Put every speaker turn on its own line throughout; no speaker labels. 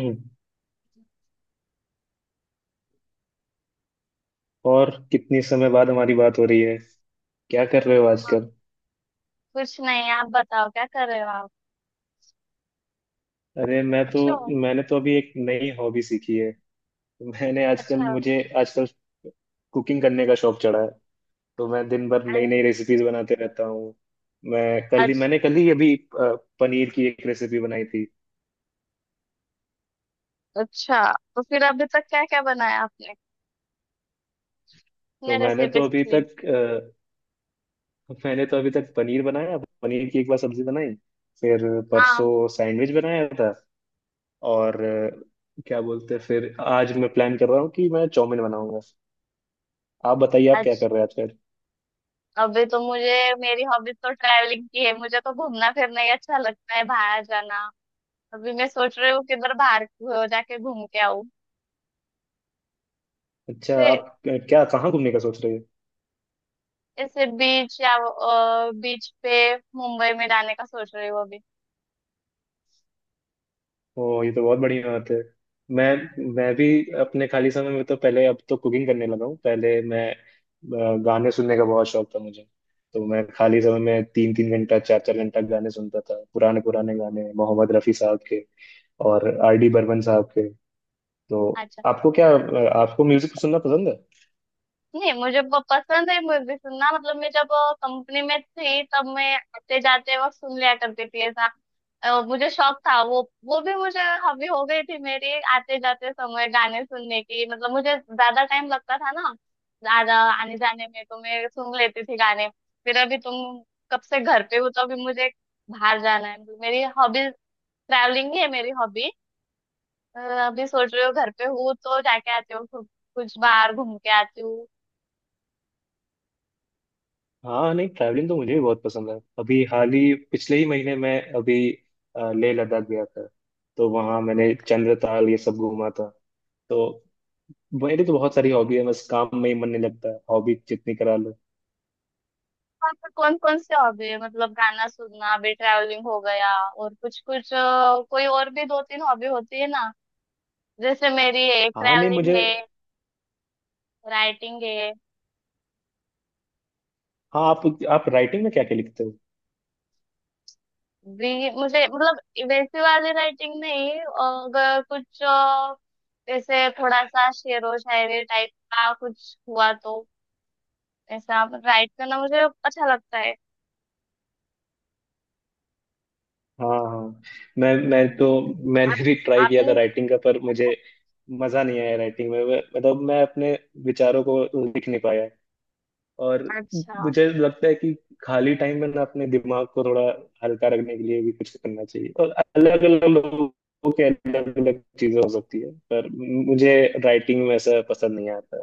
हम्म। और कितनी समय बाद हमारी बात हो
हाँ,
रही है? क्या कर रहे हो आजकल?
कुछ नहीं। आप बताओ क्या कर रहे हो आप?
अरे
अच्छे हो?
मैंने तो अभी एक नई हॉबी सीखी है। मैंने आजकल
अच्छा।
मुझे आजकल कुकिंग करने का शौक चढ़ा है। तो मैं दिन भर नई
अरे,
नई रेसिपीज बनाते रहता हूँ। मैं
आज।
मैंने कल ही अभी अ, पनीर की एक रेसिपी बनाई थी।
अच्छा। तो फिर अभी तक क्या क्या बनाया आपने? कितने
तो
रेसिपीज के लिए?
मैंने तो अभी तक पनीर बनाया। पनीर की एक बार सब्जी बनाई। फिर
हाँ।
परसों सैंडविच बनाया था। और क्या बोलते हैं, फिर आज मैं प्लान कर रहा हूँ कि मैं चाउमीन बनाऊंगा। आप बताइए, आप क्या
आज।
कर रहे हैं आजकल?
अभी तो मुझे, मेरी हॉबीज तो ट्रैवलिंग की है, मुझे तो घूमना फिरना ही अच्छा लगता है, बाहर जाना। अभी मैं सोच रही हूँ किधर बाहर जाके घूम के आऊँ।
अच्छा,
से,
आप क्या कहाँ घूमने का सोच रहे हो?
ऐसे बीच या बीच पे, मुंबई में जाने का सोच रही हूँ अभी।
ओ, ये तो बहुत बढ़िया बात है। मैं भी अपने खाली समय में, तो पहले अब तो कुकिंग करने लगा हूँ। पहले गाने सुनने का बहुत शौक था मुझे। तो मैं खाली समय में तीन तीन घंटा चार चार घंटा गाने सुनता था, पुराने पुराने गाने, मोहम्मद रफ़ी साहब के और आर डी बर्मन साहब के। तो
अच्छा।
आपको क्या आपको म्यूजिक सुनना पसंद है?
नहीं मुझे पसंद है म्यूजिक सुनना। मतलब मैं जब कंपनी में थी, तब मैं आते जाते वक्त सुन लिया करती थी, ऐसा। मुझे शौक था। वो भी मुझे हॉबी हो गई थी मेरी, आते जाते समय गाने सुनने की। मतलब मुझे ज्यादा टाइम लगता था ना, ज्यादा आने जाने में, तो मैं सुन लेती थी गाने। फिर अभी तुम कब से घर पे हो, तो अभी मुझे बाहर जाना है, मतलब मेरी हॉबी ट्रैवलिंग ही है, मेरी हॉबी। अभी सोच रही हूँ घर पे हूँ तो जाके आती हूँ कुछ, कुछ बाहर घूम के आती हूँ।
हाँ, नहीं ट्रैवलिंग तो मुझे भी बहुत पसंद है। अभी हाल ही, पिछले ही महीने, मैं अभी लेह लद्दाख गया था। तो वहाँ मैंने चंद्रताल ये सब घूमा था। तो मेरी तो बहुत सारी हॉबी है, बस काम में ही मन नहीं लगता, हॉबी जितनी करा लो।
कौन कौन कौन से हॉबी है? मतलब गाना सुनना, अभी ट्रैवलिंग हो गया, और कुछ कुछ कोई और भी दो तीन हॉबी होती है ना। जैसे मेरी है
हाँ, नहीं
ट्रैवलिंग
मुझे।
है, राइटिंग है।
हाँ, आप राइटिंग में क्या क्या लिखते हो?
भी मुझे मतलब वैसी वाली राइटिंग नहीं, अगर कुछ जैसे थोड़ा सा शेरो शायरी टाइप का कुछ हुआ तो ऐसा राइट करना मुझे अच्छा लगता है।
हाँ हाँ, मैं मैं तो
हम्म।
मैंने
आप
भी ट्राई किया था
आपने
राइटिंग का, पर मुझे मजा नहीं आया राइटिंग में। मतलब मैं अपने विचारों को लिख नहीं पाया। और
अच्छा।
मुझे लगता है कि खाली टाइम में ना अपने दिमाग को थोड़ा हल्का रखने के लिए भी कुछ करना चाहिए, और अलग अलग लोगों के अलग अलग चीजें हो सकती है, पर मुझे राइटिंग में ऐसा पसंद नहीं आता।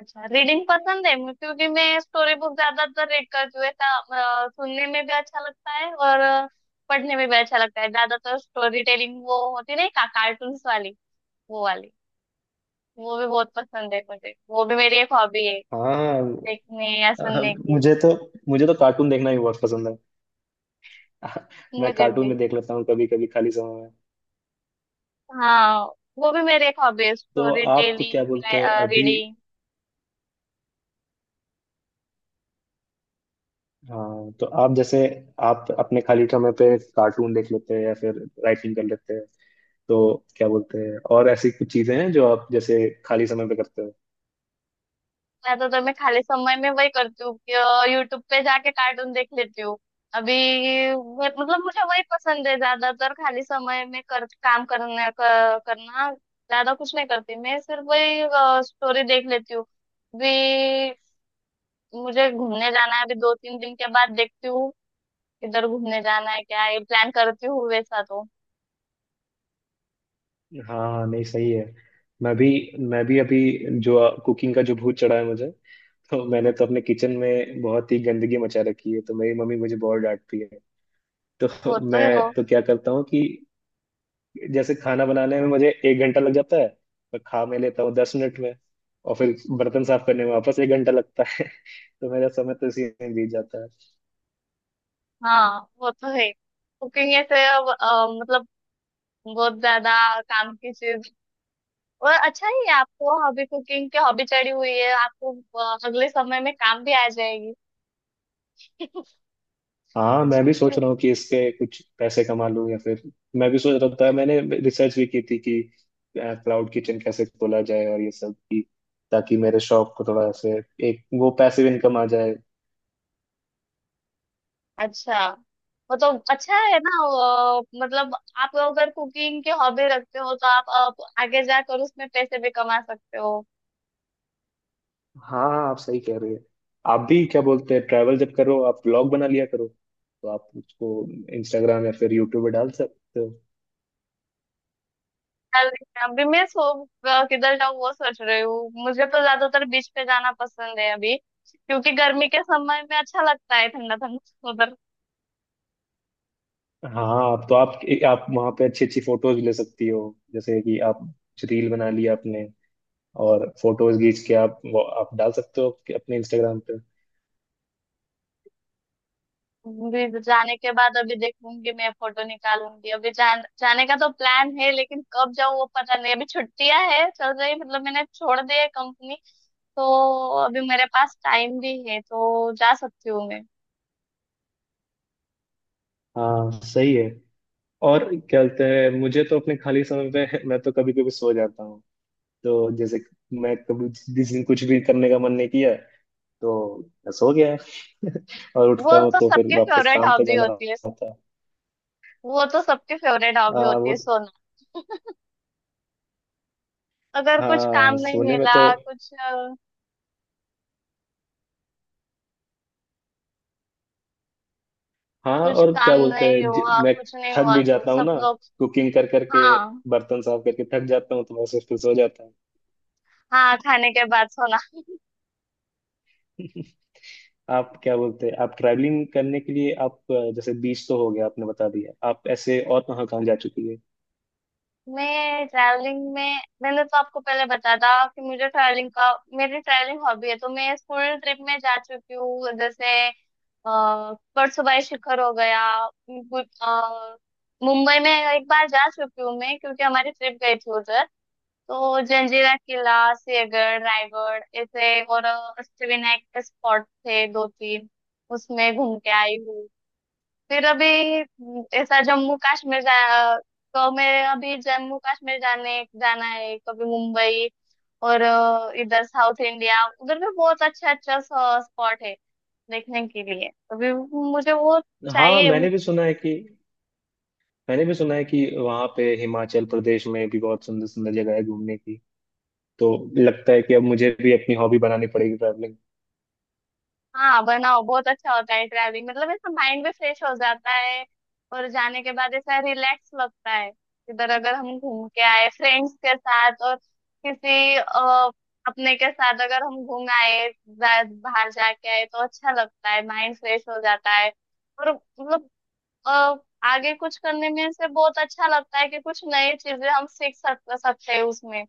अच्छा। रीडिंग पसंद है मुझे, क्योंकि मैं स्टोरी बुक ज्यादातर रीड करती हूँ, ऐसा। सुनने में भी अच्छा लगता है और पढ़ने में भी अच्छा लगता है। ज्यादातर स्टोरी टेलिंग वो होती है ना, का, कार्टून्स वाली, वो वाली, वो भी बहुत पसंद है मुझे। वो भी मेरी एक हॉबी है
हाँ
देखने या
हाँ,
सुनने की।
मुझे तो मुझे तो कार्टून देखना ही बहुत पसंद है। मैं
मुझे
कार्टून
भी।
में देख लेता हूँ कभी कभी खाली समय में।
हाँ, वो भी मेरी एक हॉबी है,
तो
स्टोरी
आप तो क्या बोलते हैं
टेलिंग,
अभी?
रीडिंग।
हाँ, तो आप अपने खाली समय पे कार्टून देख लेते हैं या फिर राइटिंग कर लेते हैं। तो क्या बोलते हैं, और ऐसी कुछ चीजें हैं जो आप जैसे खाली समय पे करते हो?
मैं तो तुम्हें खाली समय में वही करती हूँ कि यूट्यूब पे जाके कार्टून देख लेती हूँ अभी। मतलब मुझे वही पसंद है ज्यादातर। खाली समय में कर काम करने करना ज्यादा कुछ नहीं करती मैं, सिर्फ वही स्टोरी देख लेती हूँ अभी। मुझे घूमने जाना है अभी, दो तीन दिन के बाद देखती हूँ किधर घूमने जाना है, क्या ये प्लान करती हूँ, वैसा तो।
हाँ हाँ, नहीं सही है। मैं भी मैं भी अभी जो कुकिंग का जो भूत चढ़ा है मुझे, तो मैंने तो अपने किचन में बहुत ही गंदगी मचा रखी है, तो मेरी मम्मी मुझे बहुत डांटती है।
वो
तो
तो है, वो।
मैं तो क्या करता हूँ कि जैसे खाना बनाने में मुझे एक घंटा लग जाता है, तो खा मैं लेता हूँ दस मिनट में, और फिर बर्तन साफ करने में वापस एक घंटा लगता है। तो मेरा समय तो इसी में बीत जाता है।
हाँ, वो तो है। कुकिंग ऐसे मतलब बहुत ज्यादा काम की चीज, और अच्छा ही है आपको, हॉबी, कुकिंग की हॉबी चढ़ी हुई है आपको। अगले समय में काम भी आ जाएगी।
हाँ, मैं
अच्छा
भी
अच्छा।
सोच रहा हूँ कि इसके कुछ पैसे कमा लूँ, या फिर मैं भी सोच रहा था, मैंने रिसर्च भी की थी कि क्लाउड किचन कैसे खोला जाए और ये सब की, ताकि मेरे शौक को थोड़ा ऐसे एक वो पैसिव इनकम आ जाए।
अच्छा, वो तो अच्छा है ना। मतलब आप अगर कुकिंग की हॉबी रखते हो तो आप, आगे जाकर उसमें पैसे भी कमा सकते हो।
हाँ हाँ, आप सही कह रहे हैं। आप भी क्या बोलते हैं, ट्रैवल जब करो आप ब्लॉग बना लिया करो, तो आप उसको इंस्टाग्राम या फिर यूट्यूब पे डाल सकते हो।
चल, अभी मैं सो अ, किधर जाऊँ वो सोच रही हूँ। मुझे तो ज्यादातर बीच पे जाना पसंद है अभी, क्योंकि गर्मी के समय में अच्छा लगता है ठंडा ठंडा।
हाँ, आप तो आप वहाँ पे अच्छी अच्छी फोटोज ले सकती हो, जैसे कि आप रील बना लिया आपने और फोटोज खींच के आप डाल सकते हो कि अपने इंस्टाग्राम पे।
अभी जाने के बाद अभी देखूंगी मैं, फोटो निकालूंगी अभी। जाने का तो प्लान है, लेकिन कब जाऊँ वो पता नहीं। अभी छुट्टियां है चल रही, मतलब मैंने छोड़ दी है कंपनी, तो अभी मेरे पास टाइम भी है तो जा सकती हूँ मैं।
हाँ सही है। और क्या बोलते हैं, मुझे तो अपने खाली समय पे मैं तो कभी कभी सो जाता हूँ। तो जैसे मैं कभी जिस दिन कुछ भी करने का मन नहीं किया, तो बस हो गया है। और
वो
उठता हूँ
तो
तो फिर
सबकी
वापस
फेवरेट
काम पे
हॉबी
जाना
होती है।
होता है।
वो तो सबकी फेवरेट हॉबी
आ,
होती
वो
है, सोना। अगर कुछ काम
हाँ,
नहीं
सोने में
मिला,
तो।
कुछ
हाँ,
कुछ
और
काम
क्या बोलते
नहीं
हैं,
हुआ,
मैं
कुछ नहीं
थक
हुआ
भी
तो
जाता हूँ
सब
ना
लोग।
कुकिंग कर करके,
हाँ।
बर्तन साफ करके थक जाता हूँ तो बस फिर सो जाता हूँ।
हाँ, खाने के बाद सोना।
आप क्या बोलते हैं, आप ट्रैवलिंग करने के लिए, आप जैसे बीच तो हो गया, आपने बता दिया, आप ऐसे और कहाँ कहाँ जा चुकी है?
मैं ट्रैवलिंग में, मैंने तो आपको पहले बता था कि मुझे ट्रैवलिंग का, मेरी ट्रैवलिंग हॉबी है, तो मैं स्कूल ट्रिप में जा चुकी हूँ। जैसे परसों बाई शिखर हो गया। गु- अ, मुंबई में एक बार जा चुकी हूँ मैं, क्योंकि हमारी ट्रिप गई थी उधर। तो जंजीरा किला, सिंहगढ़, रायगढ़, ऐसे और अष्टविनायक के स्पॉट थे दो तीन, उसमें घूम के आई हूँ। फिर अभी ऐसा जम्मू कश्मीर जा, तो मैं अभी जम्मू कश्मीर जाने, जाना है, कभी मुंबई, और इधर साउथ इंडिया, उधर भी बहुत अच्छा अच्छा स्पॉट है देखने के लिए। अभी मुझे वो
हाँ,
चाहिए।
मैंने भी सुना है कि मैंने भी सुना है कि वहाँ पे हिमाचल प्रदेश में भी बहुत सुंदर सुंदर जगह है घूमने की, तो लगता है कि अब मुझे भी अपनी हॉबी बनानी पड़ेगी ट्रैवलिंग।
हाँ बनाओ, बहुत अच्छा होता है ट्रैवलिंग। मतलब ऐसा माइंड भी फ्रेश हो जाता है, और जाने के बाद ऐसा रिलैक्स लगता है। इधर अगर हम घूम के आए फ्रेंड्स के साथ, और किसी अपने के साथ अगर हम घूम आए, बाहर जाके आए, तो अच्छा लगता है, माइंड फ्रेश हो जाता है। और मतलब अ, आगे कुछ करने में से बहुत अच्छा लगता है कि कुछ नई चीजें हम सीख सक सकते हैं उसमें।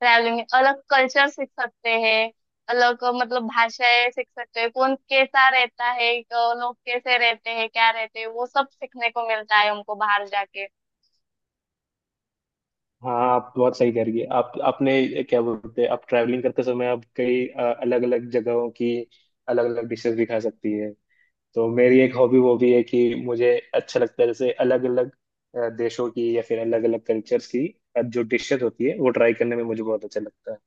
ट्रैवलिंग में अलग कल्चर सीख सकते हैं, अलग मतलब भाषाएं सीख सकते हैं, कौन कैसा रहता है, लोग कैसे रहते हैं, क्या रहते हैं, वो सब सीखने को मिलता है उनको, बाहर जाके।
हाँ, आप बहुत सही कह रही है। आप आपने क्या बोलते हैं, आप ट्रैवलिंग करते समय आप कई अलग अलग जगहों की अलग अलग डिशेस भी खा सकती है। तो मेरी एक हॉबी वो भी है कि मुझे अच्छा लगता है जैसे अलग अलग देशों की या फिर अलग अलग कल्चर्स की जो डिशेस होती है वो ट्राई करने में मुझे बहुत अच्छा लगता है।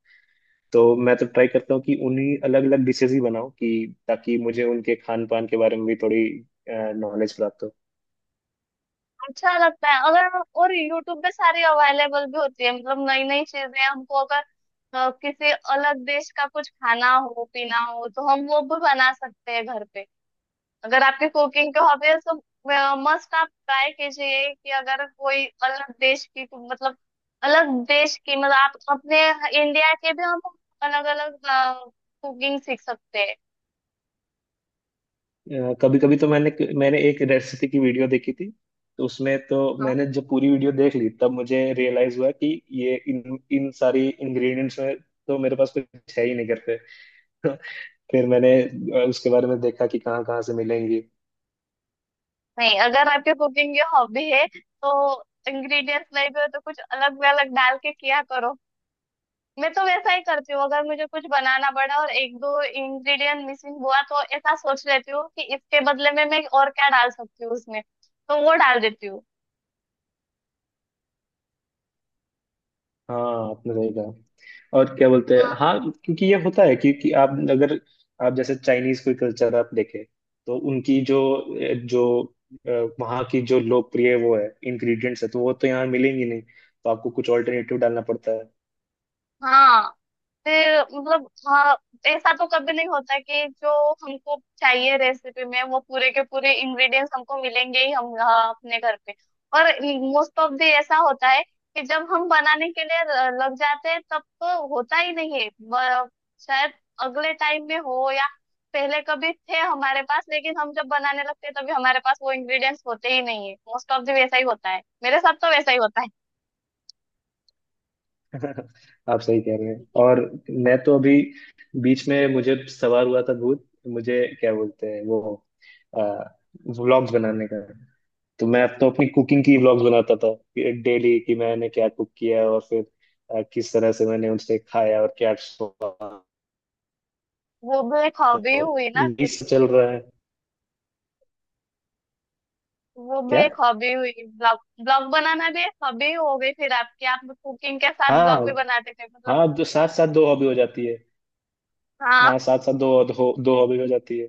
तो मैं तो ट्राई करता हूँ कि उन्हीं अलग अलग डिशेस ही बनाऊं कि ताकि मुझे उनके खान पान के बारे में भी थोड़ी नॉलेज प्राप्त हो।
अच्छा लगता है। अगर और यूट्यूब पे सारी अवेलेबल भी होती है, मतलब नई नई चीजें हमको, अगर किसी अलग देश का कुछ खाना हो पीना हो तो हम वो भी बना सकते हैं घर पे। अगर आपकी कुकिंग की हॉबी है तो मस्ट आप ट्राई कीजिए कि अगर कोई अलग देश की, मतलब अलग देश की, मतलब आप अपने इंडिया के भी हम अलग अलग कुकिंग सीख सकते हैं।
कभी कभी तो मैंने मैंने एक रेसिपी की वीडियो देखी थी, तो उसमें तो
हाँ।
मैंने जब पूरी वीडियो देख ली तब मुझे रियलाइज हुआ कि ये इन इन सारी इंग्रेडिएंट्स में तो मेरे पास कुछ है ही नहीं करते। फिर मैंने उसके बारे में देखा कि कहाँ कहाँ से मिलेंगी।
नहीं अगर आपकी कुकिंग की हॉबी है तो इंग्रेडिएंट्स नहीं भी हो तो कुछ अलग भी, अलग डाल के किया करो। मैं तो वैसा ही करती हूँ, अगर मुझे कुछ बनाना पड़ा और एक दो इंग्रेडिएंट मिसिंग हुआ तो ऐसा सोच लेती हूँ कि इसके बदले में मैं और क्या डाल सकती हूँ उसमें, तो वो डाल देती
हाँ, आपने सही कहा, और क्या बोलते हैं,
हूँ।
हाँ, क्योंकि ये होता है, क्योंकि आप अगर आप जैसे चाइनीज कोई कल्चर आप देखें, तो उनकी जो जो अ, वहाँ की जो लोकप्रिय वो है इंग्रेडिएंट्स है, तो वो तो यहाँ मिलेंगी नहीं, तो आपको कुछ ऑल्टरनेटिव डालना पड़ता है।
हाँ। फिर मतलब हाँ, ऐसा तो कभी नहीं होता कि जो हमको चाहिए रेसिपी में, वो पूरे के पूरे इंग्रेडिएंट्स हमको मिलेंगे ही हम, हाँ, अपने घर पे। और मोस्ट ऑफ दी ऐसा होता है कि जब हम बनाने के लिए लग जाते हैं तब तो होता ही नहीं है। शायद अगले टाइम में हो, या पहले कभी थे हमारे पास, लेकिन हम जब बनाने लगते हैं तभी हमारे पास वो इंग्रेडिएंट्स होते ही नहीं है। मोस्ट ऑफ दी वैसा ही होता है, मेरे साथ तो वैसा ही होता है।
आप सही कह रहे हैं। और मैं तो अभी बीच में मुझे सवार हुआ था भूत, मुझे क्या बोलते हैं वो, व्लॉग्स बनाने का। तो मैं तो अपनी कुकिंग की व्लॉग्स बनाता था डेली कि मैंने क्या कुक किया, और फिर किस तरह से मैंने उनसे खाया और क्या स्वाद।
वो भी एक हॉबी
तो
हुई ना।
ये सब चल रहा है
वो भी
क्या?
एक हॉबी हुई, ब्लॉग। ब्लॉग बनाना भी एक हॉबी हो गई फिर आपकी, आप कुकिंग के साथ
हाँ
ब्लॉग भी बनाते थे, मतलब।
हाँ, दो साथ साथ दो हॉबी हो जाती है।
हाँ।
हाँ साथ साथ दो दो, दो हॉबी हो जाती है।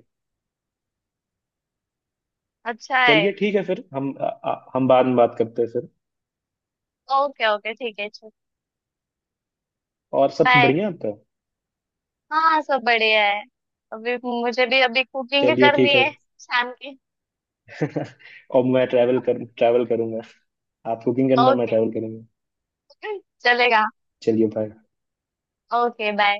अच्छा है।
चलिए, ठीक है फिर हम बाद में बात करते हैं फिर,
ओके ओके ठीक है, चलो।
और सब
बाय।
बढ़िया आपका।
हाँ सब बढ़िया है। अभी मुझे भी अभी कुकिंग
चलिए,
करनी
ठीक है।
है, शाम की।
और मैं ट्रैवल करूंगा। आप कुकिंग करना, मैं
ओके,
ट्रैवल करूंगा।
चलेगा।
चलिए, बाय।
Okay bye.